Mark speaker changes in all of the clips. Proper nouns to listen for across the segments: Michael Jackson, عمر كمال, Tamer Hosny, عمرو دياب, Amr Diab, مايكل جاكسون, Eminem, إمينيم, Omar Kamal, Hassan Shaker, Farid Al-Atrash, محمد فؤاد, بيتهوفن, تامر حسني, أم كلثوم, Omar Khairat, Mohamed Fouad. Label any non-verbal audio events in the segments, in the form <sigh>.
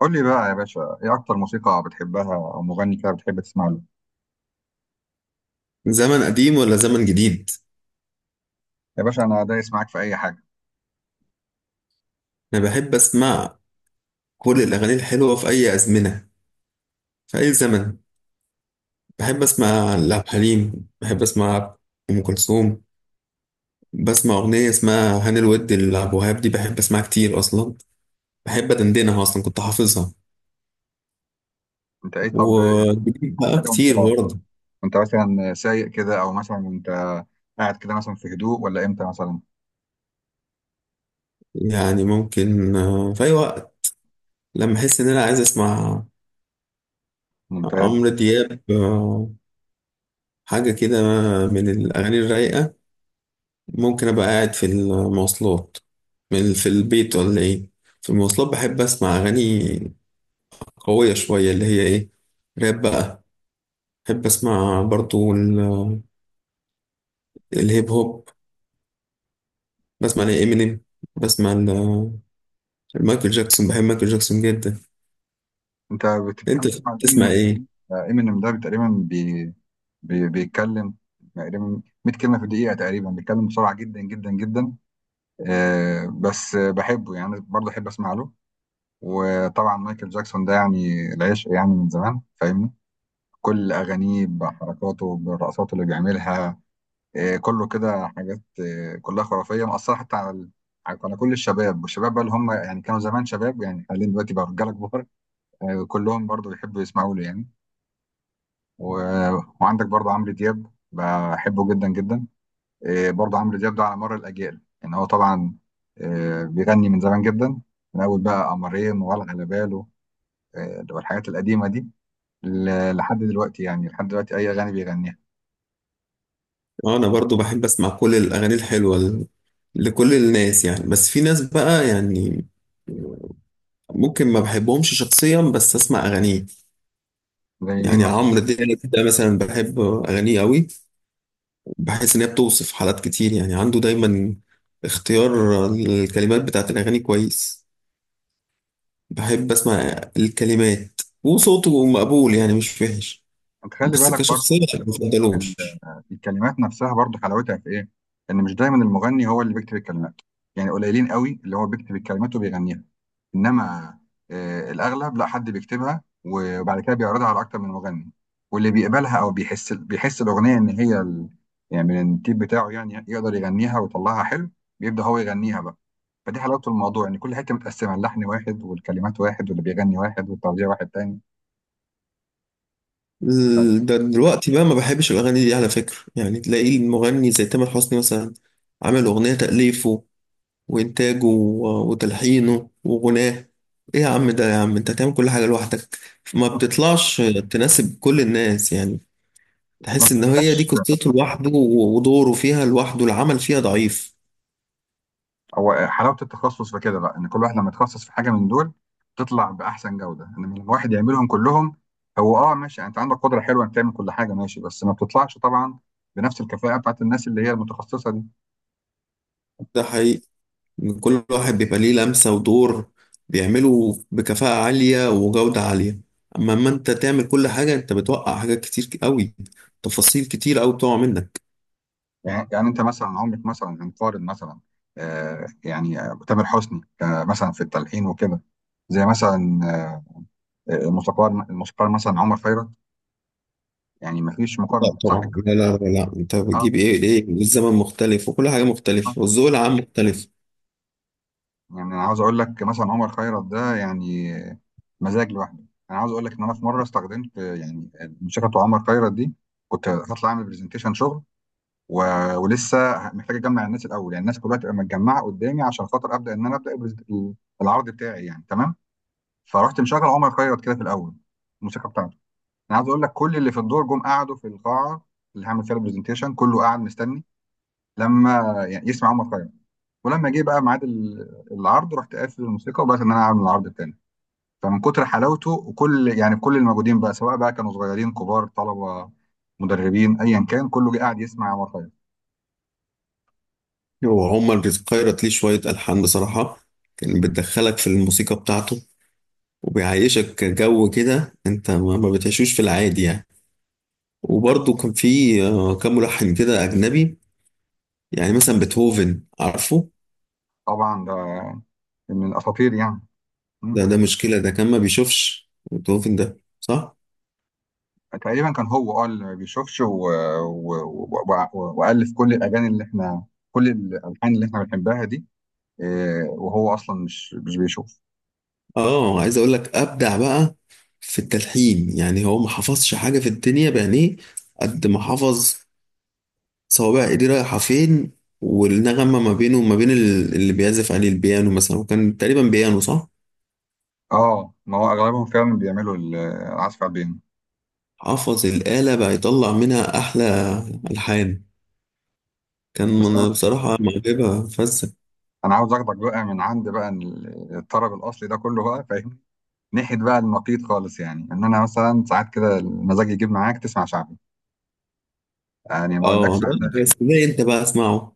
Speaker 1: قول لي بقى يا باشا ايه اكتر موسيقى بتحبها او مغني كده بتحب تسمع له؟
Speaker 2: زمن قديم ولا زمن جديد؟
Speaker 1: يا باشا انا دايس معاك في اي حاجه.
Speaker 2: انا بحب اسمع كل الاغاني الحلوه في اي ازمنه، في اي زمن. بحب اسمع لعبد الحليم، بحب اسمع ام كلثوم. بسمع اغنيه اسمها هاني الود لعبد الوهاب، دي بحب اسمعها كتير اصلا، بحب ادندنها اصلا، كنت حافظها.
Speaker 1: انت ايه طب يعني؟
Speaker 2: وجديد
Speaker 1: أنا
Speaker 2: بقى
Speaker 1: كده وانت،
Speaker 2: كتير برضه.
Speaker 1: وانت مثلا سايق كده او مثلا انت قاعد كده مثلا في هدوء ولا امتى مثلا؟
Speaker 2: يعني ممكن في اي وقت لما احس ان انا عايز اسمع.
Speaker 1: ممتاز.
Speaker 2: عمرو دياب حاجه كده من الاغاني الرايقه. ممكن ابقى قاعد في المواصلات، في البيت ولا ايه. في المواصلات بحب اسمع اغاني قوية شوية، اللي هي ايه، راب بقى. بحب اسمع برضو الهيب هوب. بسمع لإمينيم، بسمع لمايكل جاكسون. بحب مايكل جاكسون جدا.
Speaker 1: انت بت-
Speaker 2: انت
Speaker 1: بتحب تسمع
Speaker 2: بتسمع
Speaker 1: امينيم؟
Speaker 2: ايه؟
Speaker 1: امينيم ده تقريبا بيتكلم تقريبا 100 كلمه في دقيقه، تقريبا بيتكلم بسرعه جدا جدا جدا. آه بس بحبه يعني، برضه احب اسمع له. وطبعا مايكل جاكسون ده يعني العشق، يعني من زمان فاهمني. كل أغانيه بحركاته بالرقصات اللي بيعملها، آه، كله كده حاجات آه، كلها خرافية مأثرة حتى على كل الشباب، والشباب بقى اللي هم يعني كانوا زمان شباب، يعني حاليا دلوقتي بقى رجالة كبار. آه، كلهم برضو بيحبوا يسمعوا له يعني. و... وعندك برضو عمرو دياب بحبه جدا جدا. آه، برضو عمرو دياب ده على مر الأجيال، يعني هو طبعا آه، بيغني من زمان جدا، من أول بقى قمرين ولا على باله، آه، والحاجات القديمة دي، لحد دلوقتي، يعني لحد دلوقتي أي أغاني بيغنيها.
Speaker 2: انا برضو بحب اسمع كل الاغاني الحلوة لكل الناس يعني. بس في ناس بقى يعني ممكن ما بحبهمش شخصيا بس اسمع اغانيهم.
Speaker 1: زي مين
Speaker 2: يعني
Speaker 1: مثلا؟
Speaker 2: عمرو دياب ده مثلا بحب أغانيه قوي. بحس إن هي بتوصف حالات كتير، يعني عنده دايما اختيار الكلمات بتاعت الأغاني كويس. بحب أسمع الكلمات، وصوته مقبول يعني مش وحش،
Speaker 1: انت خلي
Speaker 2: بس
Speaker 1: بالك
Speaker 2: كشخصية
Speaker 1: برضو
Speaker 2: ما
Speaker 1: ال-
Speaker 2: بفضلوش.
Speaker 1: الكلمات نفسها برضو حلاوتها في ايه: ان مش دايما المغني هو اللي بيكتب الكلمات. يعني قليلين قوي اللي هو بيكتب الكلمات وبيغنيها، انما آه الاغلب لا، حد بيكتبها وبعد كده بيعرضها على اكتر من مغني، واللي بيقبلها او بيحس الاغنيه ان هي يعني من التيب بتاعه، يعني يقدر يغنيها ويطلعها حلو، بيبدا هو يغنيها بقى. فدي حلاوه الموضوع، ان كل حته متقسمه: اللحن واحد، والكلمات واحد، واللي بيغني واحد، والتوزيع واحد تاني. ف-
Speaker 2: ده دلوقتي بقى ما بحبش الأغاني دي على فكرة. يعني تلاقي المغني زي تامر حسني مثلا عامل أغنية تأليفه وإنتاجه وتلحينه وغناه. إيه يا عم، ده يا عم أنت تعمل كل حاجة لوحدك؟ ما
Speaker 1: <laughs>
Speaker 2: بتطلعش تناسب كل الناس يعني.
Speaker 1: ما
Speaker 2: تحس إن هي دي
Speaker 1: بتبقاش.
Speaker 2: قصته لوحده ودوره فيها لوحده، العمل فيها ضعيف.
Speaker 1: هو حلاوه التخصص في كده بقى ان كل واحد لما يتخصص في حاجه من دول تطلع باحسن جوده، انما لما واحد يعملهم كلهم، هو اه ماشي، يعني انت عندك قدره حلوه انك تعمل كل حاجه، ماشي، بس ما بتطلعش طبعا بنفس الكفاءه بتاعت الناس اللي هي المتخصصه دي.
Speaker 2: ده حقيقي، إن كل واحد بيبقى ليه لمسة ودور بيعمله بكفاءة عالية وجودة عالية. أما أنت تعمل كل حاجة، أنت بتوقع حاجات كتير قوي، تفاصيل كتير قوي بتقع منك.
Speaker 1: يعني، انت مثلا عمرك مثلا هنقارن مثلا آه يعني آه، تامر حسني آه مثلا في التلحين وكده، زي مثلا آه، الموسيقار مثلا عمر خيرت؟ يعني ما فيش
Speaker 2: لا
Speaker 1: مقارنه، صح
Speaker 2: طبعا،
Speaker 1: كده؟
Speaker 2: لا لا لا لا. انت
Speaker 1: اه آه.
Speaker 2: بتجيب ايه؟ ليه الزمن مختلف وكل حاجه مختلفه والذوق العام مختلف.
Speaker 1: يعني انا عاوز اقول لك مثلا عمر خيرت ده يعني مزاج لوحده. انا عاوز اقول لك ان انا في مره استخدمت يعني الموسيقى بتاع عمر خيرت دي، كنت هطلع اعمل برزنتيشن شغل، و... ولسه محتاج اجمع الناس الاول، يعني الناس كلها تبقى متجمعه قدامي عشان خاطر ابدا ان انا العرض بتاعي يعني تمام. فرحت مشغل عمر خيرت كده في الاول، الموسيقى بتاعته. انا عاوز اقول لك كل اللي في الدور جم قعدوا في القاعه اللي هعمل فيها البرزنتيشن، كله قاعد مستني لما يعني يسمع عمر خيرت. ولما جه بقى ميعاد العرض، رحت قافل الموسيقى وبدات ان انا اعمل العرض التاني. فمن كتر حلاوته، وكل يعني كل الموجودين بقى، سواء بقى كانوا صغيرين كبار طلبه مدربين ايا كان، كله جه قاعد يسمع عمر خيرت.
Speaker 2: وعمر بيقيرت ليه شويه الحان بصراحه، كان بتدخلك في الموسيقى بتاعته وبيعيشك جو كده انت ما بتعيشوش في العادي يعني. وبرضه كان في كام ملحن كده اجنبي، يعني مثلا بيتهوفن عارفه.
Speaker 1: طبعا ده من الاساطير يعني.
Speaker 2: ده
Speaker 1: مم.
Speaker 2: ده مشكله، ده كان ما بيشوفش، بيتهوفن ده صح.
Speaker 1: تقريبا كان هو اه اللي ما بيشوفش و... و... والف كل الاغاني اللي احنا، كل الالحان اللي احنا بنحبها دي، إيه، وهو اصلا مش بيشوف.
Speaker 2: اه عايز اقول لك ابدع بقى في التلحين، يعني هو ما حفظش حاجه في الدنيا بعينيه قد ما حفظ صوابع ايديه رايحه فين، والنغمه ما بينه وما بين اللي بيعزف عليه البيانو مثلا، وكان تقريبا بيانو صح.
Speaker 1: اه ما هو اغلبهم فعلا بيعملوا العزف على البيانو.
Speaker 2: حفظ الاله بقى يطلع منها احلى الحان. كان
Speaker 1: بس
Speaker 2: انا بصراحه معجبه فزه.
Speaker 1: انا عاوز اخدك بقى من عند بقى الطرب الاصلي ده كله بقى، فاهم، ناحيه بقى النقيض خالص، يعني ان انا مثلا ساعات كده المزاج يجيب معاك تسمع شعبي، يعني ما
Speaker 2: اه
Speaker 1: اقولكش على...
Speaker 2: ده، بس ده انت بقى اسمعه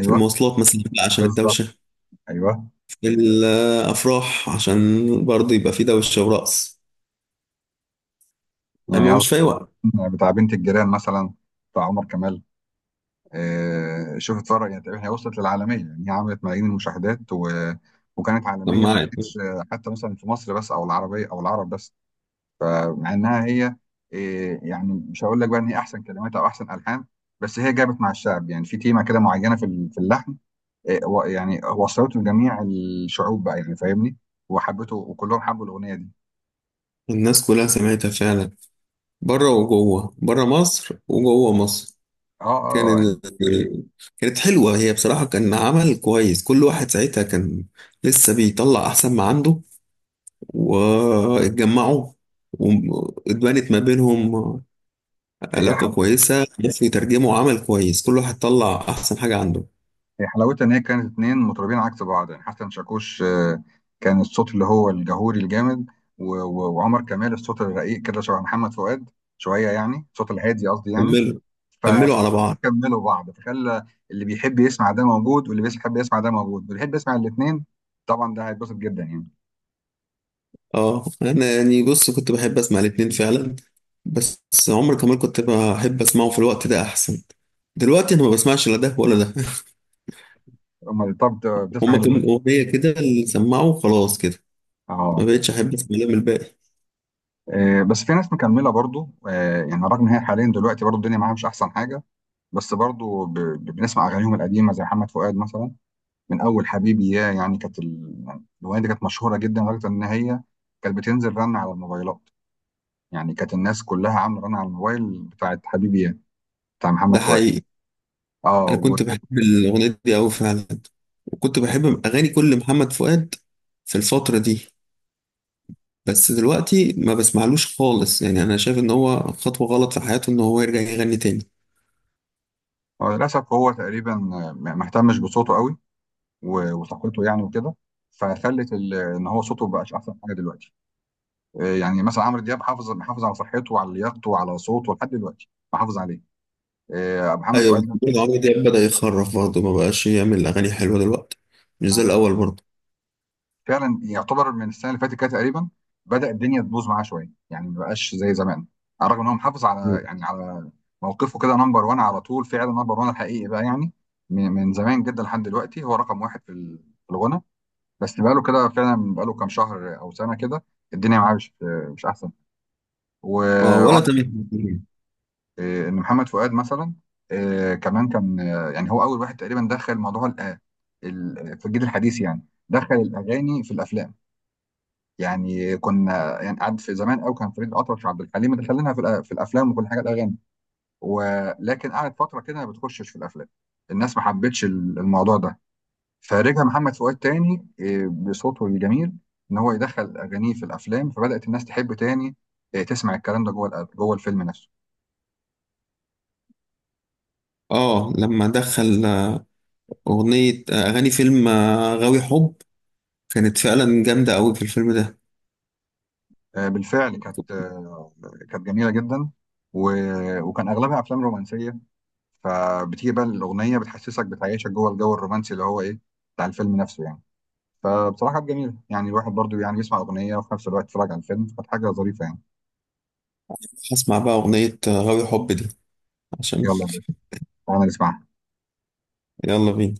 Speaker 2: في المواصلات مثلا بقى عشان
Speaker 1: بالظبط،
Speaker 2: الدوشه،
Speaker 1: ايوه،
Speaker 2: في الافراح عشان برضه يبقى في دوشه ورقص، اما
Speaker 1: يعني
Speaker 2: مش في اي وقت.
Speaker 1: اظن بتاع بنت الجيران مثلا، بتاع عمر كمال، آه شوف اتفرج، يعني تقريبا هي وصلت للعالميه، يعني هي عملت ملايين المشاهدات وكانت عالميه، ما
Speaker 2: سماعة
Speaker 1: كانتش آه، حتى مثلا في مصر بس او العربيه او العرب بس. فمع انها هي إيه، يعني مش هقول لك بقى ان هي احسن كلمات او احسن الحان، بس هي جابت مع الشعب، يعني في تيمه كده معينه في في اللحن، إيه، يعني وصلته لجميع الشعوب بقى، يعني فاهمني، وحبته، وكلهم حبوا الاغنيه دي.
Speaker 2: الناس كلها سمعتها فعلا، بره وجوه، بره مصر وجوه مصر.
Speaker 1: اه اه
Speaker 2: كان
Speaker 1: آه،
Speaker 2: ال...
Speaker 1: يعني
Speaker 2: كانت حلوة هي بصراحة، كان عمل كويس، كل واحد ساعتها كان لسه بيطلع أحسن ما عنده، واتجمعوا، واتبنت ما بينهم
Speaker 1: هي
Speaker 2: علاقة
Speaker 1: حب...
Speaker 2: كويسة، بس يترجموا عمل كويس، كل واحد طلع أحسن حاجة عنده.
Speaker 1: هي حلاوتها ان هي كانت اتنين مطربين عكس بعض، يعني حسن شاكوش آه، كان الصوت اللي هو الجهوري الجامد، وعمر كمال الصوت الرقيق كده، شبه محمد فؤاد شويه، يعني الصوت الهادي قصدي يعني.
Speaker 2: كملوا كملوا على بعض.
Speaker 1: فكملوا بعض فخلى اللي بيحب يسمع ده موجود، واللي بيحب يسمع ده موجود، واللي يحب يسمع الاثنين، طبعا ده هيتبسط جدا يعني.
Speaker 2: اه انا يعني بص كنت بحب اسمع الاتنين فعلا. بس عمر كمال كنت بحب اسمعه في الوقت ده احسن. دلوقتي انا ما بسمعش لا ده ولا ده.
Speaker 1: امال طب
Speaker 2: <laughs>
Speaker 1: بتسمع
Speaker 2: هما
Speaker 1: ايه
Speaker 2: كام
Speaker 1: دلوقتي؟
Speaker 2: اغنيه كده اللي سمعوا، خلاص كده ما
Speaker 1: اه
Speaker 2: بقتش احب اسمع لهم الباقي.
Speaker 1: آه، بس في ناس مكمله برضو آه، يعني رغم ان هي حاليا دلوقتي برضو الدنيا معاها مش احسن حاجه، بس برضو بنسمع اغانيهم القديمه، زي محمد فؤاد مثلا، من اول حبيبي يا، يعني كانت يعني الاغنيه دي كانت مشهوره جدا لدرجه ان هي كانت بتنزل رن على الموبايلات، يعني كانت الناس كلها عامله رن على الموبايل بتاعت حبيبي يا، بتاع
Speaker 2: ده
Speaker 1: محمد فؤاد.
Speaker 2: حقيقي،
Speaker 1: اه،
Speaker 2: انا كنت بحب الاغنيه دي قوي فعلا، وكنت بحب اغاني كل محمد فؤاد في الفتره دي. بس دلوقتي ما بسمعلوش خالص، يعني انا شايف ان هو خطوه غلط في حياته ان هو يرجع يغني تاني.
Speaker 1: هو للأسف هو تقريبا ما اهتمش بصوته قوي وثقته يعني وكده، فخلت ان هو صوته ما بقاش احسن حاجه دلوقتي. آه، يعني مثلا عمرو دياب محافظ على صحته وعلى لياقته وعلى صوته لحد دلوقتي محافظ عليه. آه، محمد
Speaker 2: ايوه،
Speaker 1: فؤاد،
Speaker 2: محمود عمرو دياب بدأ يخرف برضه، ما بقاش يعمل اغاني حلوه دلوقتي، مش زي
Speaker 1: لا.
Speaker 2: الاول برضه.
Speaker 1: فعلا يعتبر من السنه اللي فاتت كده تقريبا بدأ الدنيا تبوظ معاه شويه، يعني ما بقاش زي زمان، على الرغم ان هو محافظ على، يعني على موقفه كده نمبر 1 على طول، فعلا نمبر 1 الحقيقي بقى، يعني من زمان جدا لحد دلوقتي هو رقم واحد في في الغنى. بس بقاله كده فعلا، بقاله كام شهر او سنه كده الدنيا معاه مش، مش احسن، و
Speaker 2: اه، ولا
Speaker 1: وعن-
Speaker 2: تامر حسني.
Speaker 1: إيه، ان محمد فؤاد مثلا، إيه، كمان كان آه، يعني هو اول واحد تقريبا دخل موضوع في الجيل الحديث، يعني دخل الاغاني في الافلام. يعني كنا، يعني قعد في زمان قوي كان فريد الاطرش وعبد الحليم مدخلينها في الافلام وكل حاجه الاغاني، ولكن قعد فتره كده ما بتخشش في الافلام، الناس ما حبتش الموضوع ده. فرجع محمد فؤاد تاني آه، بصوته الجميل ان هو يدخل اغانيه في الافلام، فبدات الناس تحب تاني آه، تسمع الكلام ده جوه جوه الفيلم نفسه.
Speaker 2: اه لما دخل اغنيه، اغاني فيلم غاوي حب، كانت فعلا جامده قوي في الفيلم ده.
Speaker 1: آه، بالفعل كانت آه، كانت جميله جدا، وكان اغلبها افلام رومانسيه، فبتيجي بقى الاغنيه بتحسسك بتعيشك جوه الجو الرومانسي اللي هو ايه، بتاع الفيلم نفسه يعني. فبصراحه كانت جميله، يعني الواحد برضو يعني بيسمع اغنيه وفي نفس الوقت يتفرج على الفيلم، فكانت حاجه ظريفه يعني.
Speaker 2: هسمع بقى اغنيه غاوي حب دي عشان.
Speaker 1: يلا يا باشا، تعالى نسمعها.
Speaker 2: يلا بينا.